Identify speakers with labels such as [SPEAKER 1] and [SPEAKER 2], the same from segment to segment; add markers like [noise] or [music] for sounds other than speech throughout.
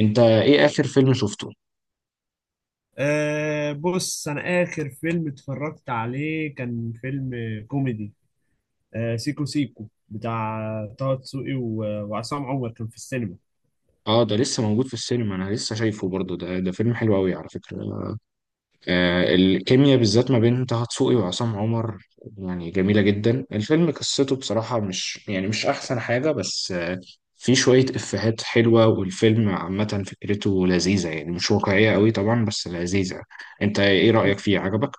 [SPEAKER 1] انت ايه اخر فيلم شفته؟
[SPEAKER 2] بص أنا آخر فيلم اتفرجت عليه كان فيلم كوميدي. سيكو سيكو بتاع طه دسوقي و- وعصام عمر كان في السينما.
[SPEAKER 1] اه ده لسه موجود في السينما، انا لسه شايفه برضه. ده فيلم حلو قوي على فكرة. آه، الكيمياء بالذات ما بين طه دسوقي وعصام عمر يعني جميلة جدا. الفيلم قصته بصراحة مش يعني مش احسن حاجة، بس في شوية افيهات حلوة، والفيلم عامة فكرته لذيذة، يعني مش واقعية قوي طبعا بس لذيذة. انت ايه رأيك فيه، عجبك؟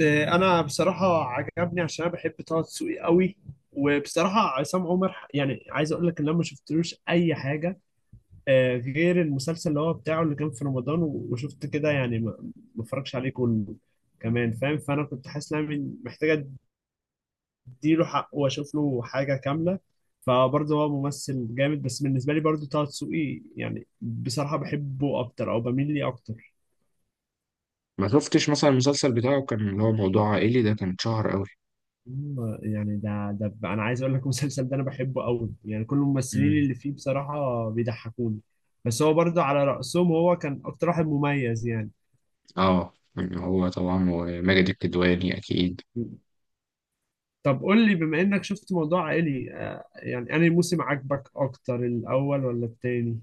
[SPEAKER 2] أنا بصراحة عجبني عشان أنا بحب طه دسوقي قوي، وبصراحة عصام عمر يعني عايز أقول لك إن أنا ما شفتلوش أي حاجة، غير المسلسل اللي هو بتاعه اللي كان في رمضان و- وشفت كده، يعني ما اتفرجش عليه كله كمان فاهم. فانا كنت حاسس ان انا محتاجه اديله حقه واشوف له حاجه كامله، فبرضه هو ممثل جامد، بس بالنسبه لي برضه طه دسوقي يعني بصراحه بحبه اكتر او بميل ليه اكتر.
[SPEAKER 1] ما شفتش مثلا المسلسل بتاعه كان اللي هو موضوع عائلي، ده كان شهر قوي.
[SPEAKER 2] يعني انا عايز اقول لك المسلسل ده انا بحبه قوي، يعني كل الممثلين
[SPEAKER 1] مم.
[SPEAKER 2] اللي فيه بصراحه بيضحكوني، بس هو برضه على رأسهم، هو كان اكتر واحد مميز يعني.
[SPEAKER 1] اه، هو طبعا وماجد الكدواني اكيد.
[SPEAKER 2] طب قول لي، بما انك شفت موضوع عائلي، يعني انهي موسم عجبك اكتر، الاول ولا التاني؟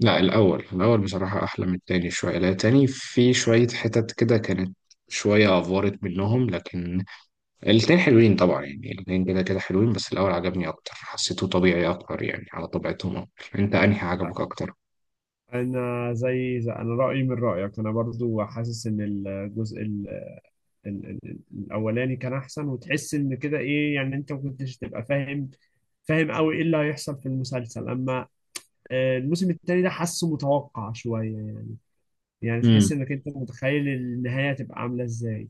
[SPEAKER 1] لا الأول، الأول بصراحة أحلى من التاني شوية، لا التاني في شوية حتت كده كانت شوية أفورت منهم، لكن الاتنين حلوين طبعا، يعني الاتنين كده كده حلوين، بس الأول عجبني أكتر، حسيته طبيعي أكتر يعني على طبيعتهم أكتر. أنت أنهي عجبك أكتر؟
[SPEAKER 2] انا زي انا رايي من رايك، انا برضو حاسس ان الجزء ال ال ال الاولاني كان احسن، وتحس ان كده ايه، يعني انت ما كنتش تبقى فاهم قوي ايه اللي هيحصل في المسلسل، اما، الموسم التاني ده حاسه متوقع شويه يعني. يعني تحس
[SPEAKER 1] امم،
[SPEAKER 2] انك انت متخيل النهايه هتبقى عامله ازاي.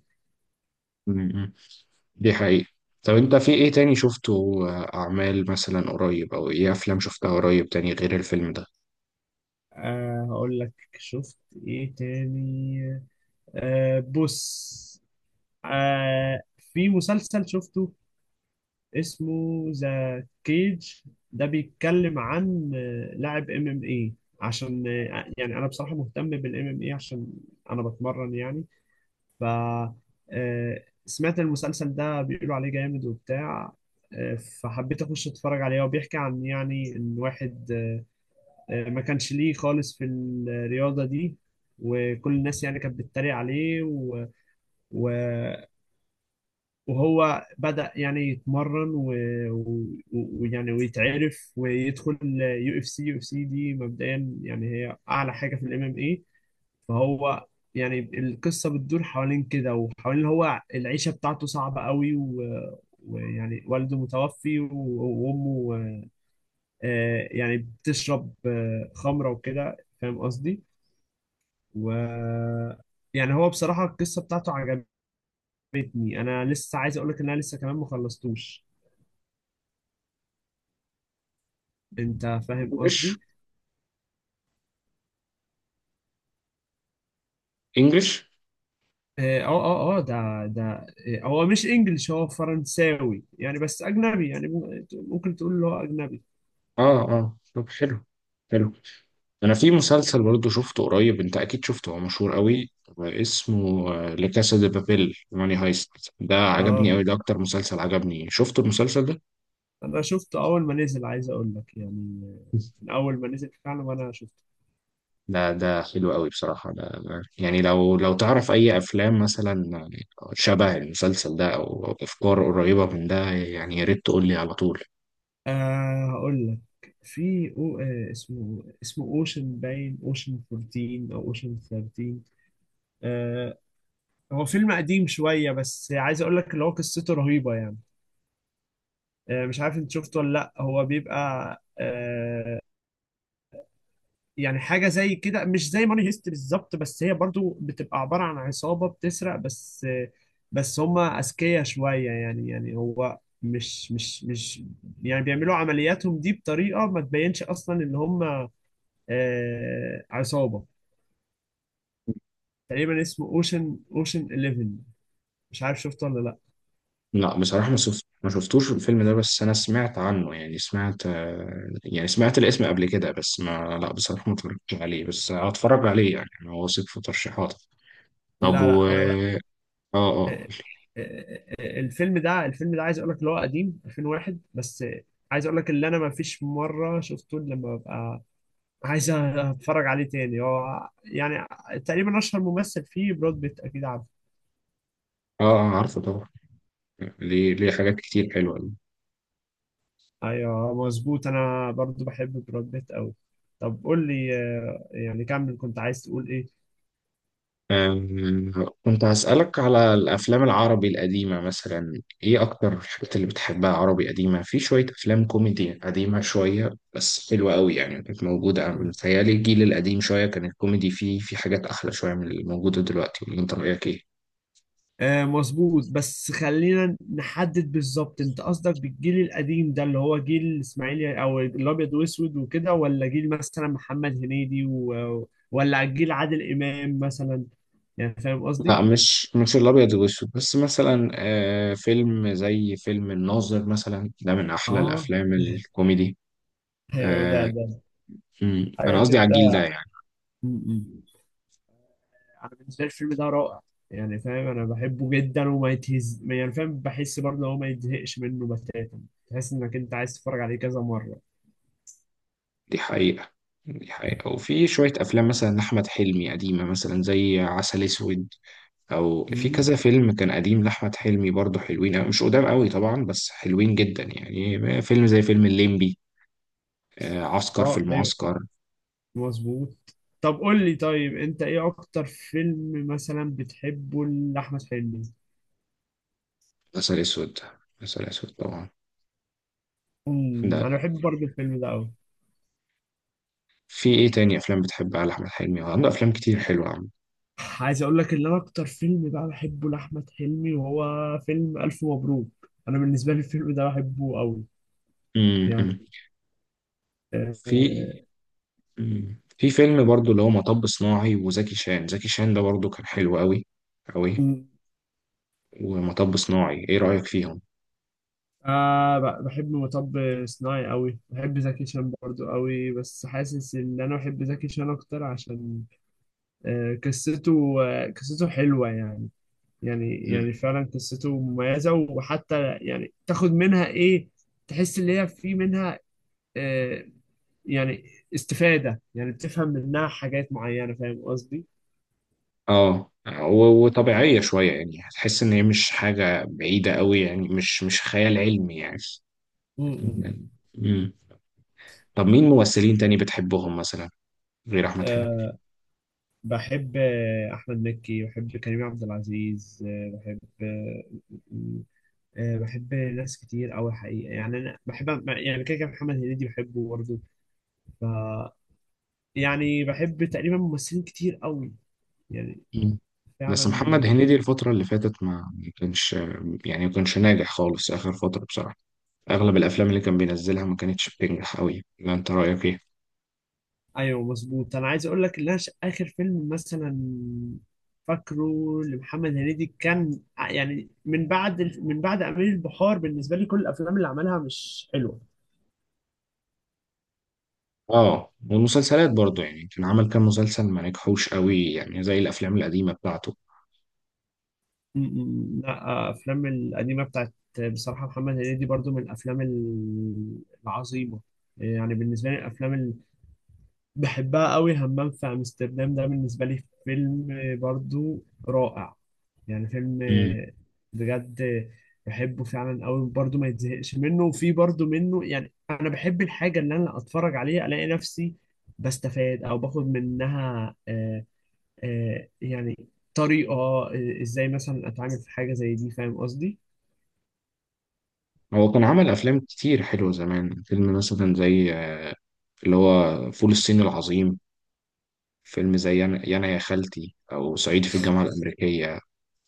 [SPEAKER 1] امم، دي حقيقة. طب أنت في إيه تاني شفته، أعمال مثلا قريب، أو إيه أفلام شفتها قريب تاني غير الفيلم ده؟
[SPEAKER 2] أه هقول لك، شفت ايه تاني. بص. آه في مسلسل شفته اسمه ذا كيج، ده بيتكلم عن لاعب MMA، عشان يعني انا بصراحة مهتم بالام ام اي، عشان انا بتمرن يعني. ف سمعت المسلسل ده بيقولوا عليه جامد وبتاع، فحبيت اخش اتفرج عليه. هو بيحكي عن، يعني، ان واحد ما كانش ليه خالص في الرياضة دي، وكل الناس يعني كانت بتتريق عليه، و... و... وهو بدأ يعني يتمرن و- و- ويعني ويتعرف، ويدخل UFC. UFC دي مبدئيا يعني هي اعلى حاجه في الام ام اي. فهو، يعني، القصه بتدور حوالين كده، وحوالين هو العيشه بتاعته صعبه قوي و- ويعني والده متوفي وامه، يعني بتشرب خمره وكده، فاهم قصدي. و يعني هو بصراحه القصه بتاعته عجبتني، انا لسه عايز اقول لك ان انا لسه كمان ما خلصتوش، انت فاهم
[SPEAKER 1] إنجلش؟
[SPEAKER 2] قصدي.
[SPEAKER 1] إنجلش؟
[SPEAKER 2] اه، اه. اه، ده، هو مش انجلش، هو فرنساوي يعني، بس اجنبي يعني، ممكن تقول اللي هو اجنبي.
[SPEAKER 1] آه آه، طب حلو، حلو. انا في مسلسل برضه شفته قريب، انت اكيد شفته هو مشهور قوي، اسمه لا كاسا دي بابيل، ماني هايست. ده عجبني
[SPEAKER 2] اه،
[SPEAKER 1] قوي، ده اكتر مسلسل عجبني. شفت المسلسل ده؟
[SPEAKER 2] انا شفته اول ما نزل، عايز اقول لك يعني، من اول ما نزل فعلا وانا شفته.
[SPEAKER 1] ده حلو قوي بصراحة. يعني لو تعرف اي افلام مثلا شبه المسلسل ده او افكار قريبة من ده، يعني يا ريت تقول لي على طول.
[SPEAKER 2] آه هقول لك، في أو آه اسمه اسمه اوشن باين، اوشن 14 او اوشن 13. آه هو فيلم قديم شوية، بس عايز اقول لك اللي هو قصته رهيبة يعني. آه مش عارف انت شفته ولا لا، هو بيبقى، آه، يعني، حاجه زي كده، مش زي ماني هيست بالظبط، بس هي برضو بتبقى عباره عن عصابه بتسرق. بس بس هم اذكياء شويه يعني، يعني هو مش مش مش يعني بيعملوا عملياتهم دي بطريقه ما تبينش اصلا ان هم آه عصابه. تقريبا اسمه اوشن 11، مش عارف شفته ولا لا.
[SPEAKER 1] لا بصراحة ما شفت، ما شفتوش الفيلم ده، بس أنا سمعت عنه، يعني سمعت، يعني سمعت الاسم قبل كده، بس ما، لا بصراحة ما اتفرجتش عليه، بس هتفرج عليه يعني، أنا واثق في ترشيحاتك. طب
[SPEAKER 2] لا لا،
[SPEAKER 1] و
[SPEAKER 2] هو،
[SPEAKER 1] آه آه
[SPEAKER 2] آه، الفيلم ده عايز اقول لك اللي هو قديم 2001، بس، عايز اقول لك اللي انا ما فيش مره شفته إلا لما ببقى عايز اتفرج عليه تاني. هو يعني تقريبا اشهر ممثل فيه براد بيت، اكيد عارف.
[SPEAKER 1] عارفه طبعا. ليه، ليه حاجات كتير حلوة.
[SPEAKER 2] ايوه مظبوط، انا برضو بحب براد بيت قوي. طب قول لي، يعني كمل، كنت عايز تقول ايه.
[SPEAKER 1] أم، كنت هسألك على الأفلام العربي القديمة، مثلا إيه أكتر الحاجات اللي بتحبها عربي قديمة؟ في شوية أفلام كوميدي قديمة شوية بس حلوة قوي يعني، كانت موجودة. أنا
[SPEAKER 2] مم.
[SPEAKER 1] متهيألي الجيل القديم شوية كان الكوميدي فيه في حاجات أحلى شوية من اللي موجودة دلوقتي، ولا أنت رأيك إيه؟
[SPEAKER 2] آه مظبوط، بس خلينا نحدد بالظبط انت قصدك بالجيل القديم ده، اللي هو جيل اسماعيل او الابيض واسود وكده، ولا جيل مثلا محمد هنيدي ولا جيل عادل امام مثلا. يعني فاهم
[SPEAKER 1] لا
[SPEAKER 2] قصدي.
[SPEAKER 1] مش الأبيض والأسود، بس مثلا آه، فيلم زي فيلم الناظر مثلا، ده من أحلى
[SPEAKER 2] اه
[SPEAKER 1] الأفلام الكوميدي.
[SPEAKER 2] [laughs] ايوه، ده
[SPEAKER 1] آه،
[SPEAKER 2] ده
[SPEAKER 1] أمم، أنا
[SPEAKER 2] حاجه
[SPEAKER 1] قصدي على
[SPEAKER 2] كده.
[SPEAKER 1] الجيل ده يعني.
[SPEAKER 2] م-م. انا بالنسبه لي الفيلم ده رائع يعني، فاهم، انا بحبه جدا وما يتهز، يعني فاهم، بحس برضه هو ما يتزهقش منه بتاتا، تحس انك انت عايز تتفرج عليه كذا مره.
[SPEAKER 1] دي حقيقة، دي حقيقة. وفي شوية أفلام مثلا لأحمد حلمي قديمة مثلا زي عسل أسود، أو في
[SPEAKER 2] م-م.
[SPEAKER 1] كذا فيلم كان قديم لأحمد حلمي برضه حلوين أوي. مش قدام قوي طبعا، بس حلوين جدا. يعني فيلم زي فيلم الليمبي، عسكر في
[SPEAKER 2] اه ايوه
[SPEAKER 1] المعسكر.
[SPEAKER 2] مظبوط. طب قول لي، طيب انت ايه اكتر فيلم مثلا بتحبه لاحمد حلمي؟
[SPEAKER 1] عسل أسود، عسل أسود طبعا.
[SPEAKER 2] امم،
[SPEAKER 1] ده
[SPEAKER 2] انا بحب برضه الفيلم ده قوي.
[SPEAKER 1] في إيه تاني أفلام بتحبها لأحمد حلمي؟ هو عنده أفلام كتير حلوة. عم.
[SPEAKER 2] عايز اقول لك ان انا اكتر فيلم بقى بحبه لاحمد حلمي وهو فيلم الف مبروك، انا بالنسبه لي الفيلم ده بحبه قوي يعني.
[SPEAKER 1] امم. في، مم، في فيلم برضه اللي هو مطب صناعي، وزكي شان. زكي شان ده برضه كان حلو أوي، أوي.
[SPEAKER 2] آه،
[SPEAKER 1] ومطب صناعي ايه رأيك فيهم؟
[SPEAKER 2] آه بحب مطب صناعي قوي، بحب زكي شان برضو قوي، بس حاسس ان انا بحب زكي شان اكتر عشان آه قصته، آه قصته حلوة يعني، يعني
[SPEAKER 1] مم.
[SPEAKER 2] يعني فعلا قصته مميزة، وحتى يعني تاخد منها ايه، تحس ان هي في منها، آه، يعني، استفادة، يعني بتفهم منها حاجات معينة، فاهم قصدي؟
[SPEAKER 1] اه، وطبيعية شوية، يعني هتحس ان هي مش حاجة بعيدة قوي، يعني مش خيال علمي يعني.
[SPEAKER 2] م- م.
[SPEAKER 1] مم. طب مين ممثلين تاني بتحبهم مثلا، غير احمد حلمي؟
[SPEAKER 2] آه بحب، احمد مكي، بحب كريم عبد العزيز، آه بحب آه آه، بحب ناس كتير أوي حقيقة، يعني أنا بحب، يعني كده كده محمد هنيدي بحبه برضه. ف يعني بحب تقريبا ممثلين كتير أوي يعني
[SPEAKER 1] مم. بس
[SPEAKER 2] فعلا.
[SPEAKER 1] محمد هنيدي الفترة اللي فاتت ما كانش، يعني ما كانش ناجح خالص آخر فترة بصراحة. أغلب الأفلام اللي كان بينزلها ما كانتش بتنجح أوي، لا أنت رأيك إيه؟
[SPEAKER 2] أيوه مظبوط، أنا عايز أقول لك إن أنا آخر فيلم مثلا فاكره لمحمد هنيدي كان يعني من بعد من بعد أمير البحار، بالنسبة لي كل الأفلام اللي عملها مش حلوة.
[SPEAKER 1] آه، والمسلسلات برضو يعني، كان عمل كام مسلسل ما نجحوش أوي يعني زي الأفلام القديمة بتاعته.
[SPEAKER 2] م- م-، لا، أفلام القديمة بتاعت بصراحة محمد هنيدي برضو من الأفلام العظيمة، يعني بالنسبة لي الأفلام بحبها قوي، همام في امستردام ده بالنسبه لي فيلم برضو رائع، يعني فيلم بجد بحبه فعلا قوي، برضو ما يتزهقش منه، وفي برضو منه، يعني انا بحب الحاجه اللي انا اتفرج عليها، الاقي نفسي بستفاد او باخد منها، يعني، طريقه، ازاي مثلا اتعامل في حاجه زي دي، فاهم قصدي؟
[SPEAKER 1] هو كان عمل أفلام كتير حلوة زمان، فيلم مثلا زي اللي هو فول الصين العظيم، فيلم زي أنا يانا يا خالتي، أو صعيدي في الجامعة الأمريكية.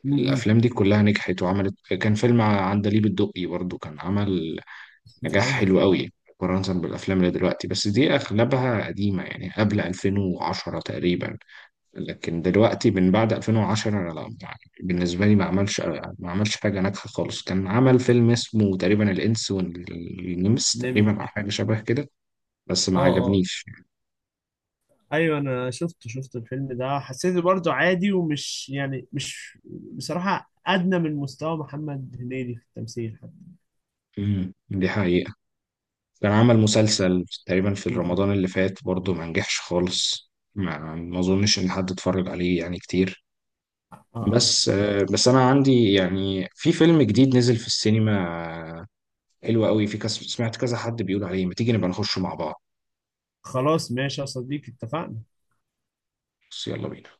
[SPEAKER 2] م- م-.
[SPEAKER 1] الأفلام دي كلها نجحت وعملت، كان فيلم عندليب الدقي برضو كان عمل نجاح
[SPEAKER 2] ايوه،
[SPEAKER 1] حلو قوي مقارنة بالأفلام اللي دلوقتي، بس دي أغلبها قديمة يعني قبل 2010 تقريبا. لكن دلوقتي من بعد 2010 انا لا، يعني بالنسبه لي ما عملش، ما عملش حاجه ناجحه خالص. كان عمل فيلم اسمه تقريبا الانس والنمس
[SPEAKER 2] نمر.
[SPEAKER 1] تقريبا، او حاجه شبه كده، بس
[SPEAKER 2] اه
[SPEAKER 1] ما
[SPEAKER 2] اه،
[SPEAKER 1] عجبنيش.
[SPEAKER 2] ايوه انا شفته، شفت الفيلم ده، حسيته برضه عادي، ومش يعني مش، بصراحه، ادنى من مستوى محمد هنيدي في التمثيل حتى.
[SPEAKER 1] امم، دي حقيقه. كان عمل مسلسل تقريبا في
[SPEAKER 2] م- م.
[SPEAKER 1] رمضان اللي فات برضه ما نجحش خالص، ما اظنش ان حد اتفرج عليه يعني كتير.
[SPEAKER 2] اه اه.
[SPEAKER 1] بس آه، بس انا عندي، يعني في فيلم جديد نزل في السينما، آه، حلو قوي، في كذا، سمعت كذا حد بيقول عليه، ما تيجي نبقى نخشه مع بعض؟
[SPEAKER 2] خلاص ماشي يا صديقي، اتفقنا.
[SPEAKER 1] بس يلا بينا.